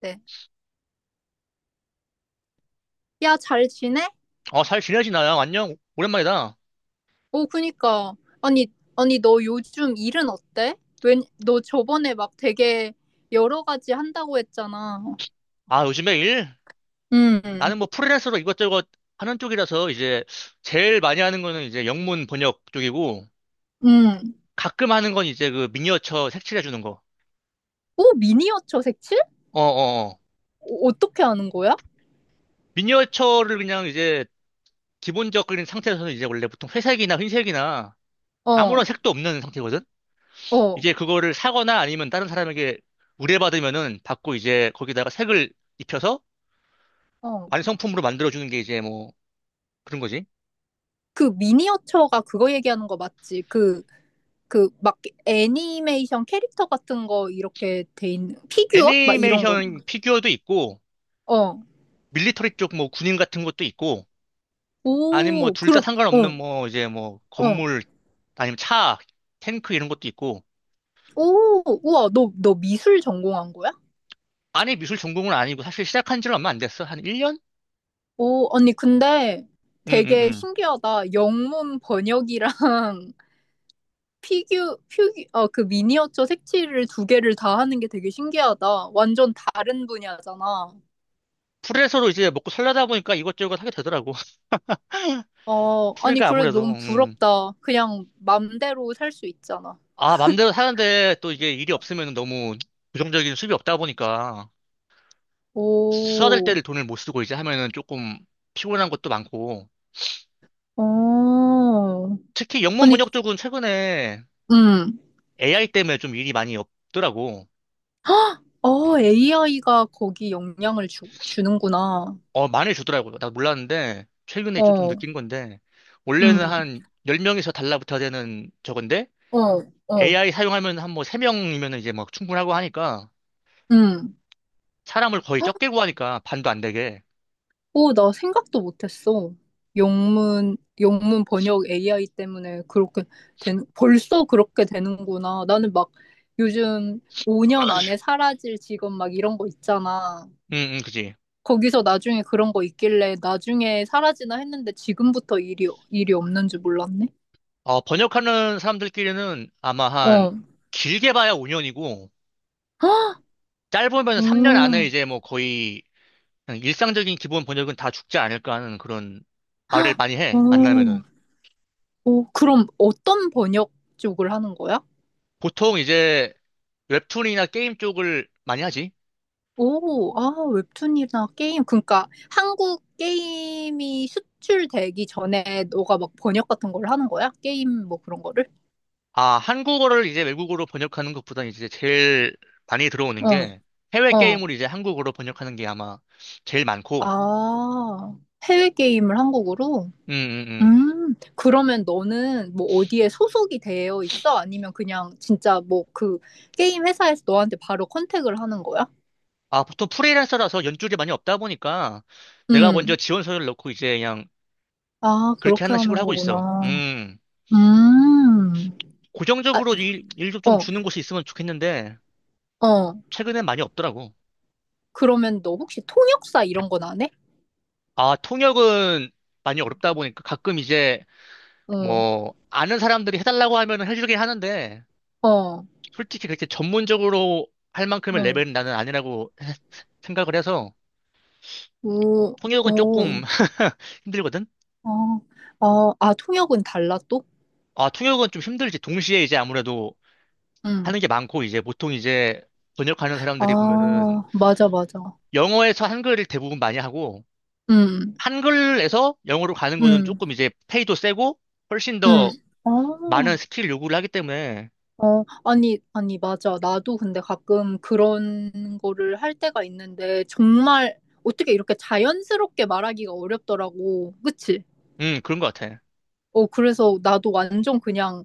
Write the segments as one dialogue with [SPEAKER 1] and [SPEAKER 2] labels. [SPEAKER 1] 네. 야, 잘 지내?
[SPEAKER 2] 어, 잘 지내지, 나야. 안녕. 오랜만이다.
[SPEAKER 1] 오, 그니까. 아니, 아니, 너 요즘 일은 어때? 웬, 너 저번에 막 되게 여러 가지 한다고 했잖아.
[SPEAKER 2] 아, 요즘에 일?
[SPEAKER 1] 음,
[SPEAKER 2] 나는 뭐 프리랜서로 이것저것 하는 쪽이라서 이제 제일 많이 하는 거는 이제 영문 번역 쪽이고,
[SPEAKER 1] 음.
[SPEAKER 2] 가끔 하는 건 이제 그 미니어처 색칠해 주는 거.
[SPEAKER 1] 오, 미니어처 색칠?
[SPEAKER 2] 어, 어, 어.
[SPEAKER 1] 어, 어떻게 하는 거야?
[SPEAKER 2] 미니어처를 그냥 이제 기본적인 상태에서는 이제 원래 보통 회색이나 흰색이나 아무런
[SPEAKER 1] 어,
[SPEAKER 2] 색도 없는 상태거든?
[SPEAKER 1] 어,
[SPEAKER 2] 이제 그거를 사거나 아니면 다른 사람에게 의뢰받으면은 받고, 이제 거기다가 색을 입혀서
[SPEAKER 1] 어.
[SPEAKER 2] 완성품으로 만들어주는 게 이제 뭐 그런 거지.
[SPEAKER 1] 그 미니어처가 그거 얘기하는 거 맞지? 그, 그, 막 애니메이션 캐릭터 같은 거 이렇게 돼 있는, 피규어? 막 이런 거.
[SPEAKER 2] 애니메이션 피규어도 있고,
[SPEAKER 1] 어.
[SPEAKER 2] 밀리터리 쪽 뭐 군인 같은 것도 있고, 아니면 뭐
[SPEAKER 1] 오,
[SPEAKER 2] 둘 다
[SPEAKER 1] 그럼,
[SPEAKER 2] 상관없는
[SPEAKER 1] 어,
[SPEAKER 2] 뭐 이제 뭐
[SPEAKER 1] 어.
[SPEAKER 2] 건물 아니면 차, 탱크 이런 것도 있고.
[SPEAKER 1] 오, 우와, 너, 너 미술 전공한 거야?
[SPEAKER 2] 안에 미술 전공은 아니고, 사실 시작한 지는 얼마 안 됐어. 한 1년?
[SPEAKER 1] 오, 언니, 근데
[SPEAKER 2] 응, 응,
[SPEAKER 1] 되게
[SPEAKER 2] 응.
[SPEAKER 1] 신기하다. 영문 번역이랑 어, 그 미니어처 색칠을 두 개를 다 하는 게 되게 신기하다. 완전 다른 분야잖아.
[SPEAKER 2] 프리랜서로 이제 먹고 살려다 보니까 이것저것 하게 되더라고.
[SPEAKER 1] 어, 아니,
[SPEAKER 2] 프리가
[SPEAKER 1] 그래,
[SPEAKER 2] 아무래도
[SPEAKER 1] 너무 부럽다. 그냥 맘대로 살 수 있잖아.
[SPEAKER 2] 아, 맘대로 사는데 또 이게 일이 없으면 너무 고정적인 수입이 없다 보니까, 써야 될
[SPEAKER 1] 오,
[SPEAKER 2] 때를 돈을 못 쓰고 이제 하면은 조금 피곤한 것도 많고.
[SPEAKER 1] 어.
[SPEAKER 2] 특히 영문
[SPEAKER 1] 아니,
[SPEAKER 2] 번역 쪽은 최근에
[SPEAKER 1] 음.
[SPEAKER 2] AI 때문에 좀 일이 많이 없더라고.
[SPEAKER 1] 어, AI가 거기 영향을 주는구나.
[SPEAKER 2] 어, 많이 주더라고요. 나 몰랐는데, 최근에 좀
[SPEAKER 1] 어,
[SPEAKER 2] 느낀 건데, 원래는
[SPEAKER 1] 음,
[SPEAKER 2] 한 10명에서 달라붙어야 되는 저건데,
[SPEAKER 1] 어, 어.
[SPEAKER 2] AI 사용하면 한 뭐 3명이면 이제 막 충분하고 하니까,
[SPEAKER 1] 음.
[SPEAKER 2] 사람을 거의 적게 구하니까, 반도 안 되게.
[SPEAKER 1] 오, 나 생각도 못했어. 영문 번역 AI 때문에 그렇게 벌써 그렇게 되는구나. 나는 막 요즘 5년 안에 사라질 직업 막 이런 거 있잖아.
[SPEAKER 2] 응, 응, 그지.
[SPEAKER 1] 거기서 나중에 그런 거 있길래 나중에 사라지나 했는데 지금부터 일이 없는 줄 몰랐네.
[SPEAKER 2] 어, 번역하는 사람들끼리는 아마 한,
[SPEAKER 1] 어.
[SPEAKER 2] 길게 봐야 5년이고, 짧으면 3년 안에
[SPEAKER 1] 어,
[SPEAKER 2] 이제 뭐 거의, 그냥 일상적인 기본 번역은 다 죽지 않을까 하는 그런 말을 많이 해,
[SPEAKER 1] 어.
[SPEAKER 2] 만나면은.
[SPEAKER 1] 어, 그럼 어떤 번역 쪽을 하는 거야?
[SPEAKER 2] 보통 이제, 웹툰이나 게임 쪽을 많이 하지.
[SPEAKER 1] 오, 아, 웹툰이나 게임. 그러니까 한국 게임이 수출되기 전에 너가 막 번역 같은 걸 하는 거야? 게임 뭐 그런 거를?
[SPEAKER 2] 아, 한국어를 이제 외국어로 번역하는 것보다 이제 제일 많이 들어오는
[SPEAKER 1] 어,
[SPEAKER 2] 게 해외
[SPEAKER 1] 어.
[SPEAKER 2] 게임을 이제 한국어로 번역하는 게 아마 제일 많고,
[SPEAKER 1] 아, 해외 게임을 한국으로?
[SPEAKER 2] 음, 음, 음.
[SPEAKER 1] 그러면 너는 뭐 어디에 소속이 되어 있어? 아니면 그냥 진짜 뭐 그 게임 회사에서 너한테 바로 컨택을 하는 거야?
[SPEAKER 2] 아, 보통 프리랜서라서 연줄이 많이 없다 보니까 내가 먼저
[SPEAKER 1] 음,
[SPEAKER 2] 지원서를 넣고 이제 그냥
[SPEAKER 1] 아,
[SPEAKER 2] 그렇게
[SPEAKER 1] 그렇게
[SPEAKER 2] 하는 식으로
[SPEAKER 1] 하는
[SPEAKER 2] 하고 있어.
[SPEAKER 1] 거구나.
[SPEAKER 2] 음.
[SPEAKER 1] 음, 아,
[SPEAKER 2] 고정적으로 일도 좀
[SPEAKER 1] 어,
[SPEAKER 2] 주는 곳이 있으면 좋겠는데
[SPEAKER 1] 어.
[SPEAKER 2] 최근엔 많이 없더라고.
[SPEAKER 1] 그러면 너 혹시 통역사 이런 건 안 해?
[SPEAKER 2] 아, 통역은 많이 어렵다 보니까 가끔 이제
[SPEAKER 1] 어,
[SPEAKER 2] 뭐 아는 사람들이 해달라고 하면 해주긴 하는데,
[SPEAKER 1] 어, 어,
[SPEAKER 2] 솔직히 그렇게 전문적으로 할 만큼의 레벨은 나는 아니라고 생각을 해서.
[SPEAKER 1] 우,
[SPEAKER 2] 통역은
[SPEAKER 1] 어,
[SPEAKER 2] 조금 힘들거든?
[SPEAKER 1] 어, 아, 아, 통역은 달라 또?
[SPEAKER 2] 아, 통역은 좀 힘들지. 동시에 이제 아무래도
[SPEAKER 1] 응,
[SPEAKER 2] 하는 게 많고, 이제 보통 이제 번역하는 사람들이 보면은
[SPEAKER 1] 아, 맞아, 맞아.
[SPEAKER 2] 영어에서 한글을 대부분 많이 하고,
[SPEAKER 1] 응,
[SPEAKER 2] 한글에서 영어로 가는 거는
[SPEAKER 1] 응,
[SPEAKER 2] 조금 이제 페이도 세고 훨씬
[SPEAKER 1] 응.
[SPEAKER 2] 더
[SPEAKER 1] 아, 어,
[SPEAKER 2] 많은 스킬 요구를 하기 때문에.
[SPEAKER 1] 아니, 아니, 맞아. 나도 근데 가끔 그런 거를 할 때가 있는데, 정말 어떻게 이렇게 자연스럽게 말하기가 어렵더라고. 그치?
[SPEAKER 2] 그런 것 같아.
[SPEAKER 1] 어, 그래서 나도 완전 그냥,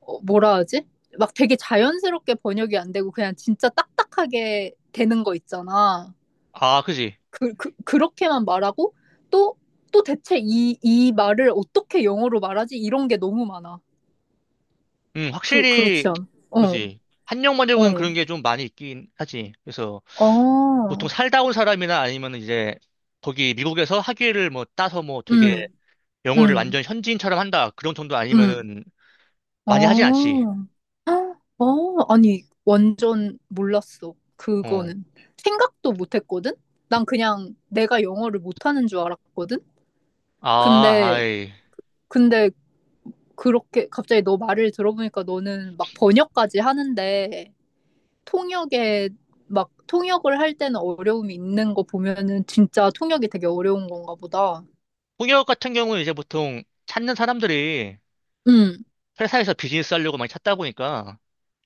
[SPEAKER 1] 어, 뭐라 하지? 막 되게 자연스럽게 번역이 안 되고, 그냥 진짜 딱딱하게 되는 거 있잖아.
[SPEAKER 2] 아, 그지.
[SPEAKER 1] 그렇게만 말하고 또, 또 대체 이 말을 어떻게 영어로 말하지? 이런 게 너무 많아.
[SPEAKER 2] 확실히,
[SPEAKER 1] 그렇지 않아? 어,
[SPEAKER 2] 그지. 한영 번역은
[SPEAKER 1] 어,
[SPEAKER 2] 그런 게 좀 많이 있긴 하지. 그래서 보통
[SPEAKER 1] 어,
[SPEAKER 2] 살다 온 사람이나 아니면 이제 거기 미국에서 학위를 뭐 따서 뭐 되게
[SPEAKER 1] 음,
[SPEAKER 2] 영어를
[SPEAKER 1] 음,
[SPEAKER 2] 완전 현지인처럼 한다, 그런 정도
[SPEAKER 1] 음,
[SPEAKER 2] 아니면은 많이 하진
[SPEAKER 1] 어,
[SPEAKER 2] 않지.
[SPEAKER 1] 아, 어, 아니, 완전 몰랐어.
[SPEAKER 2] 어.
[SPEAKER 1] 그거는. 생각도 못 했거든? 난 그냥 내가 영어를 못하는 줄 알았거든?
[SPEAKER 2] 아,
[SPEAKER 1] 근데,
[SPEAKER 2] 아이.
[SPEAKER 1] 근데 그렇게 갑자기 너 말을 들어보니까 너는 막 번역까지 하는데, 통역에 막 통역을 할 때는 어려움이 있는 거 보면은 진짜 통역이 되게 어려운 건가 보다.
[SPEAKER 2] 통역 같은 경우는 이제 보통 찾는 사람들이
[SPEAKER 1] 응.
[SPEAKER 2] 회사에서 비즈니스 하려고 많이 찾다 보니까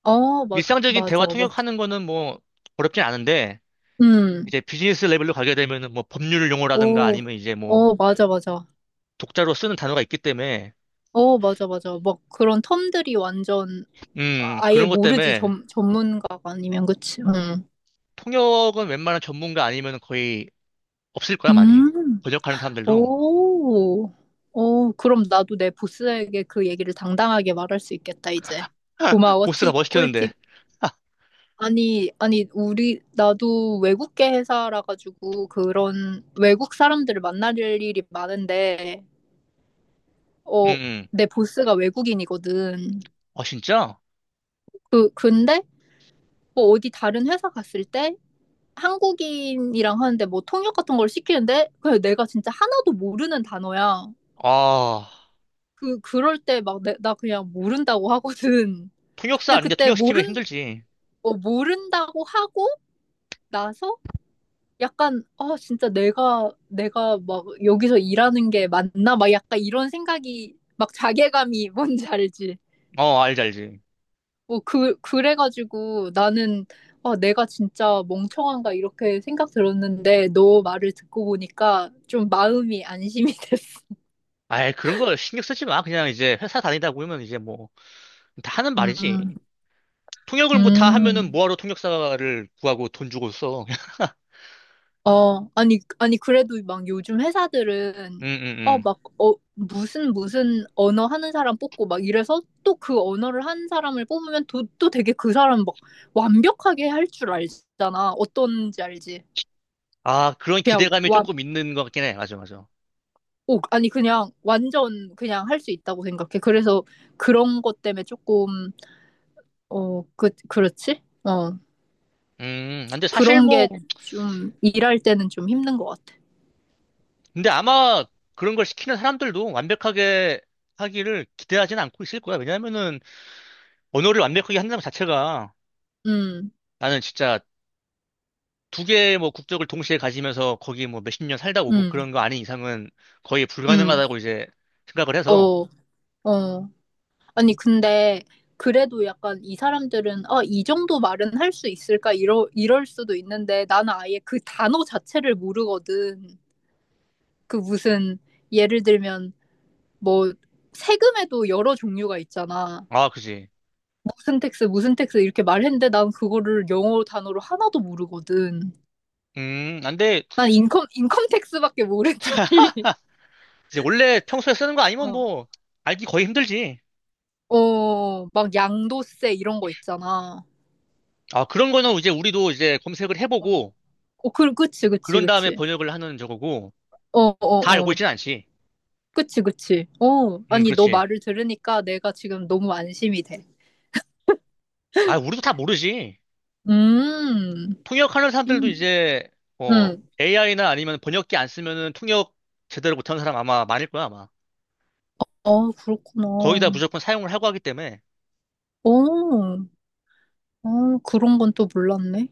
[SPEAKER 1] 어,
[SPEAKER 2] 일상적인 대화
[SPEAKER 1] 맞아, 맞아.
[SPEAKER 2] 통역하는 거는 뭐 어렵진 않은데,
[SPEAKER 1] 응.
[SPEAKER 2] 이제 비즈니스 레벨로 가게 되면은 뭐 법률 용어라든가
[SPEAKER 1] 오.
[SPEAKER 2] 아니면 이제 뭐
[SPEAKER 1] 어, 맞아, 맞아.
[SPEAKER 2] 독자로 쓰는 단어가 있기 때문에.
[SPEAKER 1] 어, 맞아, 맞아. 막 그런 텀들이 완전 아예
[SPEAKER 2] 그런 것
[SPEAKER 1] 모르지,
[SPEAKER 2] 때문에
[SPEAKER 1] 전문가가 아니면, 그치? 응.
[SPEAKER 2] 통역은 웬만한 전문가 아니면 거의 없을 거야, 많이.
[SPEAKER 1] 음.
[SPEAKER 2] 번역하는 사람들도.
[SPEAKER 1] 오. 어, 그럼 나도 내 보스에게 그 얘기를 당당하게 말할 수 있겠다, 이제. 고마워,
[SPEAKER 2] 보스가
[SPEAKER 1] 팁,
[SPEAKER 2] 뭐 시켰는데.
[SPEAKER 1] 꿀팁. 아니, 아니, 우리, 나도 외국계 회사라 가지고 그런 외국 사람들을 만날 일이 많은데,
[SPEAKER 2] 응,
[SPEAKER 1] 어,
[SPEAKER 2] 응.
[SPEAKER 1] 내 보스가 외국인이거든.
[SPEAKER 2] 아, 진짜?
[SPEAKER 1] 근데, 뭐 어디 다른 회사 갔을 때 한국인이랑 하는데 뭐 통역 같은 걸 시키는데, 그냥 내가 진짜 하나도 모르는 단어야.
[SPEAKER 2] 아,
[SPEAKER 1] 그럴 때 막 나 그냥 모른다고 하거든.
[SPEAKER 2] 통역사
[SPEAKER 1] 근데
[SPEAKER 2] 아닌데
[SPEAKER 1] 그때
[SPEAKER 2] 통역시키면 힘들지.
[SPEAKER 1] 어, 모른다고 하고 나서 약간, 아 진짜 내가 막 여기서 일하는 게 맞나, 막 약간 이런 생각이, 막 자괴감이 뭔지 알지?
[SPEAKER 2] 어, 알지, 알지.
[SPEAKER 1] 뭐 그 그래가지고 나는, 아 내가 진짜 멍청한가 이렇게 생각 들었는데, 너 말을 듣고 보니까 좀 마음이 안심이 됐어.
[SPEAKER 2] 아이, 그런 거 신경 쓰지 마. 그냥 이제 회사 다니다 보면 이제 뭐, 다 하는
[SPEAKER 1] 음,
[SPEAKER 2] 말이지. 통역을 뭐 다 하면은
[SPEAKER 1] 음.
[SPEAKER 2] 뭐하러 통역사를 구하고 돈 주고 써.
[SPEAKER 1] 어, 아니, 아니, 그래도 막 요즘
[SPEAKER 2] 음,
[SPEAKER 1] 회사들은,
[SPEAKER 2] 음,
[SPEAKER 1] 어,
[SPEAKER 2] 음.
[SPEAKER 1] 막, 어, 무슨 언어 하는 사람 뽑고 막 이래서 또 그 언어를 한 사람을 뽑으면 또, 또 되게 그 사람 막 완벽하게 할 줄 알잖아. 어떤지 알지?
[SPEAKER 2] 아, 그런
[SPEAKER 1] 그냥
[SPEAKER 2] 기대감이
[SPEAKER 1] 완,
[SPEAKER 2] 조금 있는 것 같긴 해. 맞아, 맞아.
[SPEAKER 1] 오, 아니, 그냥 완전 그냥 할 수 있다고 생각해. 그래서 그런 것 때문에 조금, 어, 그렇지? 어,
[SPEAKER 2] 근데 사실
[SPEAKER 1] 그런
[SPEAKER 2] 뭐,
[SPEAKER 1] 게 좀 일할 때는 좀 힘든 것 같아.
[SPEAKER 2] 근데 아마 그런 걸 시키는 사람들도 완벽하게 하기를 기대하진 않고 있을 거야. 왜냐면은 언어를 완벽하게 한다는 자체가,
[SPEAKER 1] 음,
[SPEAKER 2] 나는 진짜 두 개의 뭐 국적을 동시에 가지면서 거기 뭐 몇십 년 살다 오고
[SPEAKER 1] 음,
[SPEAKER 2] 그런 거 아닌 이상은 거의
[SPEAKER 1] 음,
[SPEAKER 2] 불가능하다고 이제 생각을 해서.
[SPEAKER 1] 어, 어. 아니, 근데 그래도 약간 이 사람들은, 아, 이 정도 말은 할 수 있을까? 이럴 수도 있는데 나는 아예 그 단어 자체를 모르거든. 그 무슨 예를 들면 뭐 세금에도 여러 종류가 있잖아.
[SPEAKER 2] 아, 그지.
[SPEAKER 1] 무슨 텍스 이렇게 말했는데 난 그거를 영어 단어로 하나도 모르거든.
[SPEAKER 2] 음. 안돼.
[SPEAKER 1] 난 인컴 텍스밖에 모르지.
[SPEAKER 2] 이제 원래 평소에 쓰는 거 아니면
[SPEAKER 1] 어,
[SPEAKER 2] 뭐 알기 거의 힘들지.
[SPEAKER 1] 어, 막 양도세 이런 거 있잖아.
[SPEAKER 2] 아, 그런 거는 이제 우리도 이제 검색을
[SPEAKER 1] 어,
[SPEAKER 2] 해보고
[SPEAKER 1] 어, 그치, 그치,
[SPEAKER 2] 그런 다음에
[SPEAKER 1] 그치.
[SPEAKER 2] 번역을 하는 저거고,
[SPEAKER 1] 어,
[SPEAKER 2] 다
[SPEAKER 1] 어,
[SPEAKER 2] 알고
[SPEAKER 1] 어.
[SPEAKER 2] 있진 않지.
[SPEAKER 1] 그치, 그치. 어,
[SPEAKER 2] 음,
[SPEAKER 1] 아니, 너
[SPEAKER 2] 그렇지.
[SPEAKER 1] 말을 들으니까 내가 지금 너무 안심이 돼.
[SPEAKER 2] 아, 우리도 다 모르지.
[SPEAKER 1] 음,
[SPEAKER 2] 통역하는 사람들도
[SPEAKER 1] 음,
[SPEAKER 2] 이제, 어,
[SPEAKER 1] 음.
[SPEAKER 2] AI나 아니면 번역기 안 쓰면은 통역 제대로 못하는 사람 아마 많을 거야, 아마.
[SPEAKER 1] 어,
[SPEAKER 2] 거의 다
[SPEAKER 1] 그렇구나.
[SPEAKER 2] 무조건 사용을 하고 하기 때문에.
[SPEAKER 1] 어, 어, 그런 건 또 몰랐네.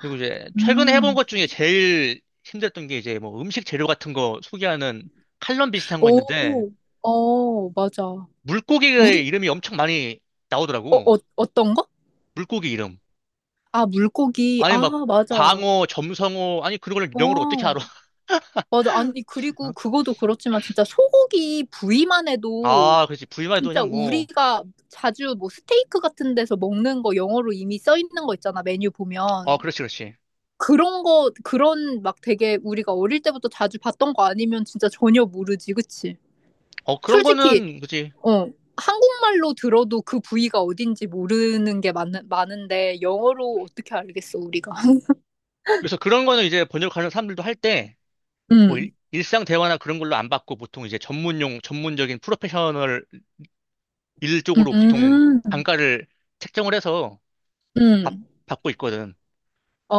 [SPEAKER 2] 그리고 이제 최근에 해본
[SPEAKER 1] 음,
[SPEAKER 2] 것 중에 제일 힘들었던 게 이제 뭐 음식 재료 같은 거 소개하는 칼럼 비슷한 거 있는데,
[SPEAKER 1] 오, 어, 맞아.
[SPEAKER 2] 물고기의
[SPEAKER 1] 우리,
[SPEAKER 2] 이름이 엄청 많이
[SPEAKER 1] 어,
[SPEAKER 2] 나오더라고.
[SPEAKER 1] 어, 어떤 거?
[SPEAKER 2] 물고기 이름.
[SPEAKER 1] 아, 물고기.
[SPEAKER 2] 아니
[SPEAKER 1] 아,
[SPEAKER 2] 막
[SPEAKER 1] 맞아. 어,
[SPEAKER 2] 광어, 점성어, 아니 그런 걸 영어로 어떻게 알아.
[SPEAKER 1] 맞아. 아니, 그리고 그거도 그렇지만 진짜 소고기 부위만 해도
[SPEAKER 2] 아, 그렇지. 부위만 해도
[SPEAKER 1] 진짜
[SPEAKER 2] 그냥 뭐어,
[SPEAKER 1] 우리가 자주 뭐 스테이크 같은 데서 먹는 거 영어로 이미 써 있는 거 있잖아, 메뉴 보면.
[SPEAKER 2] 그렇지, 그렇지.
[SPEAKER 1] 그런 거, 그런 막 되게 우리가 어릴 때부터 자주 봤던 거 아니면 진짜 전혀 모르지, 그치?
[SPEAKER 2] 어, 그런
[SPEAKER 1] 솔직히,
[SPEAKER 2] 거는 그지.
[SPEAKER 1] 어, 한국말로 들어도 그 부위가 어딘지 모르는 게 많은데, 영어로 어떻게 알겠어, 우리가?
[SPEAKER 2] 그래서 그런 거는 이제 번역하는 사람들도 할 때 뭐 일,
[SPEAKER 1] 음,
[SPEAKER 2] 일상 대화나 그런 걸로 안 받고, 보통 이제 전문용 전문적인 프로페셔널 일 쪽으로 보통
[SPEAKER 1] 음,
[SPEAKER 2] 단가를 책정을 해서 받,
[SPEAKER 1] 음.
[SPEAKER 2] 받고 있거든.
[SPEAKER 1] 아,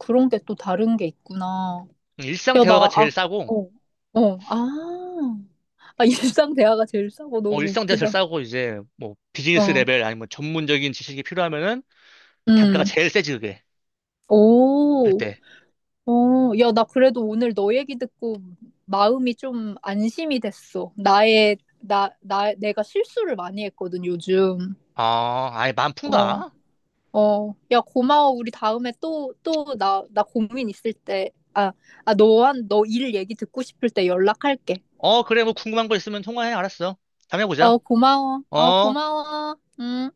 [SPEAKER 1] 그, 런 게 또 다른 게 있구나.
[SPEAKER 2] 일상
[SPEAKER 1] 야, 나,
[SPEAKER 2] 대화가 제일
[SPEAKER 1] 아,
[SPEAKER 2] 싸고,
[SPEAKER 1] 어, 어, 아. 아, 일상 대화가 제일 싸고
[SPEAKER 2] 어,
[SPEAKER 1] 너무
[SPEAKER 2] 일상 대화 제일
[SPEAKER 1] 웃기다.
[SPEAKER 2] 싸고, 이제, 뭐, 비즈니스
[SPEAKER 1] 어,
[SPEAKER 2] 레벨 아니면 전문적인 지식이 필요하면은 단가가
[SPEAKER 1] 음.
[SPEAKER 2] 제일 세지, 그게. 할
[SPEAKER 1] 오,
[SPEAKER 2] 때.
[SPEAKER 1] 어, 야, 나 그래도 오늘 너 얘기 듣고 마음이 좀 안심이 됐어. 내가 실수를 많이 했거든, 요즘.
[SPEAKER 2] 아, 아예
[SPEAKER 1] 어,
[SPEAKER 2] 만푼다?
[SPEAKER 1] 어. 야, 고마워. 우리 다음에 또, 또, 나 고민 있을 때, 아, 아, 너 일 얘기 듣고 싶을 때 연락할게.
[SPEAKER 2] 어, 그래, 뭐 궁금한 거 있으면 통화해. 알았어. 다음에 보자.
[SPEAKER 1] 어, 고마워. 어,
[SPEAKER 2] 어.
[SPEAKER 1] 고마워. 음.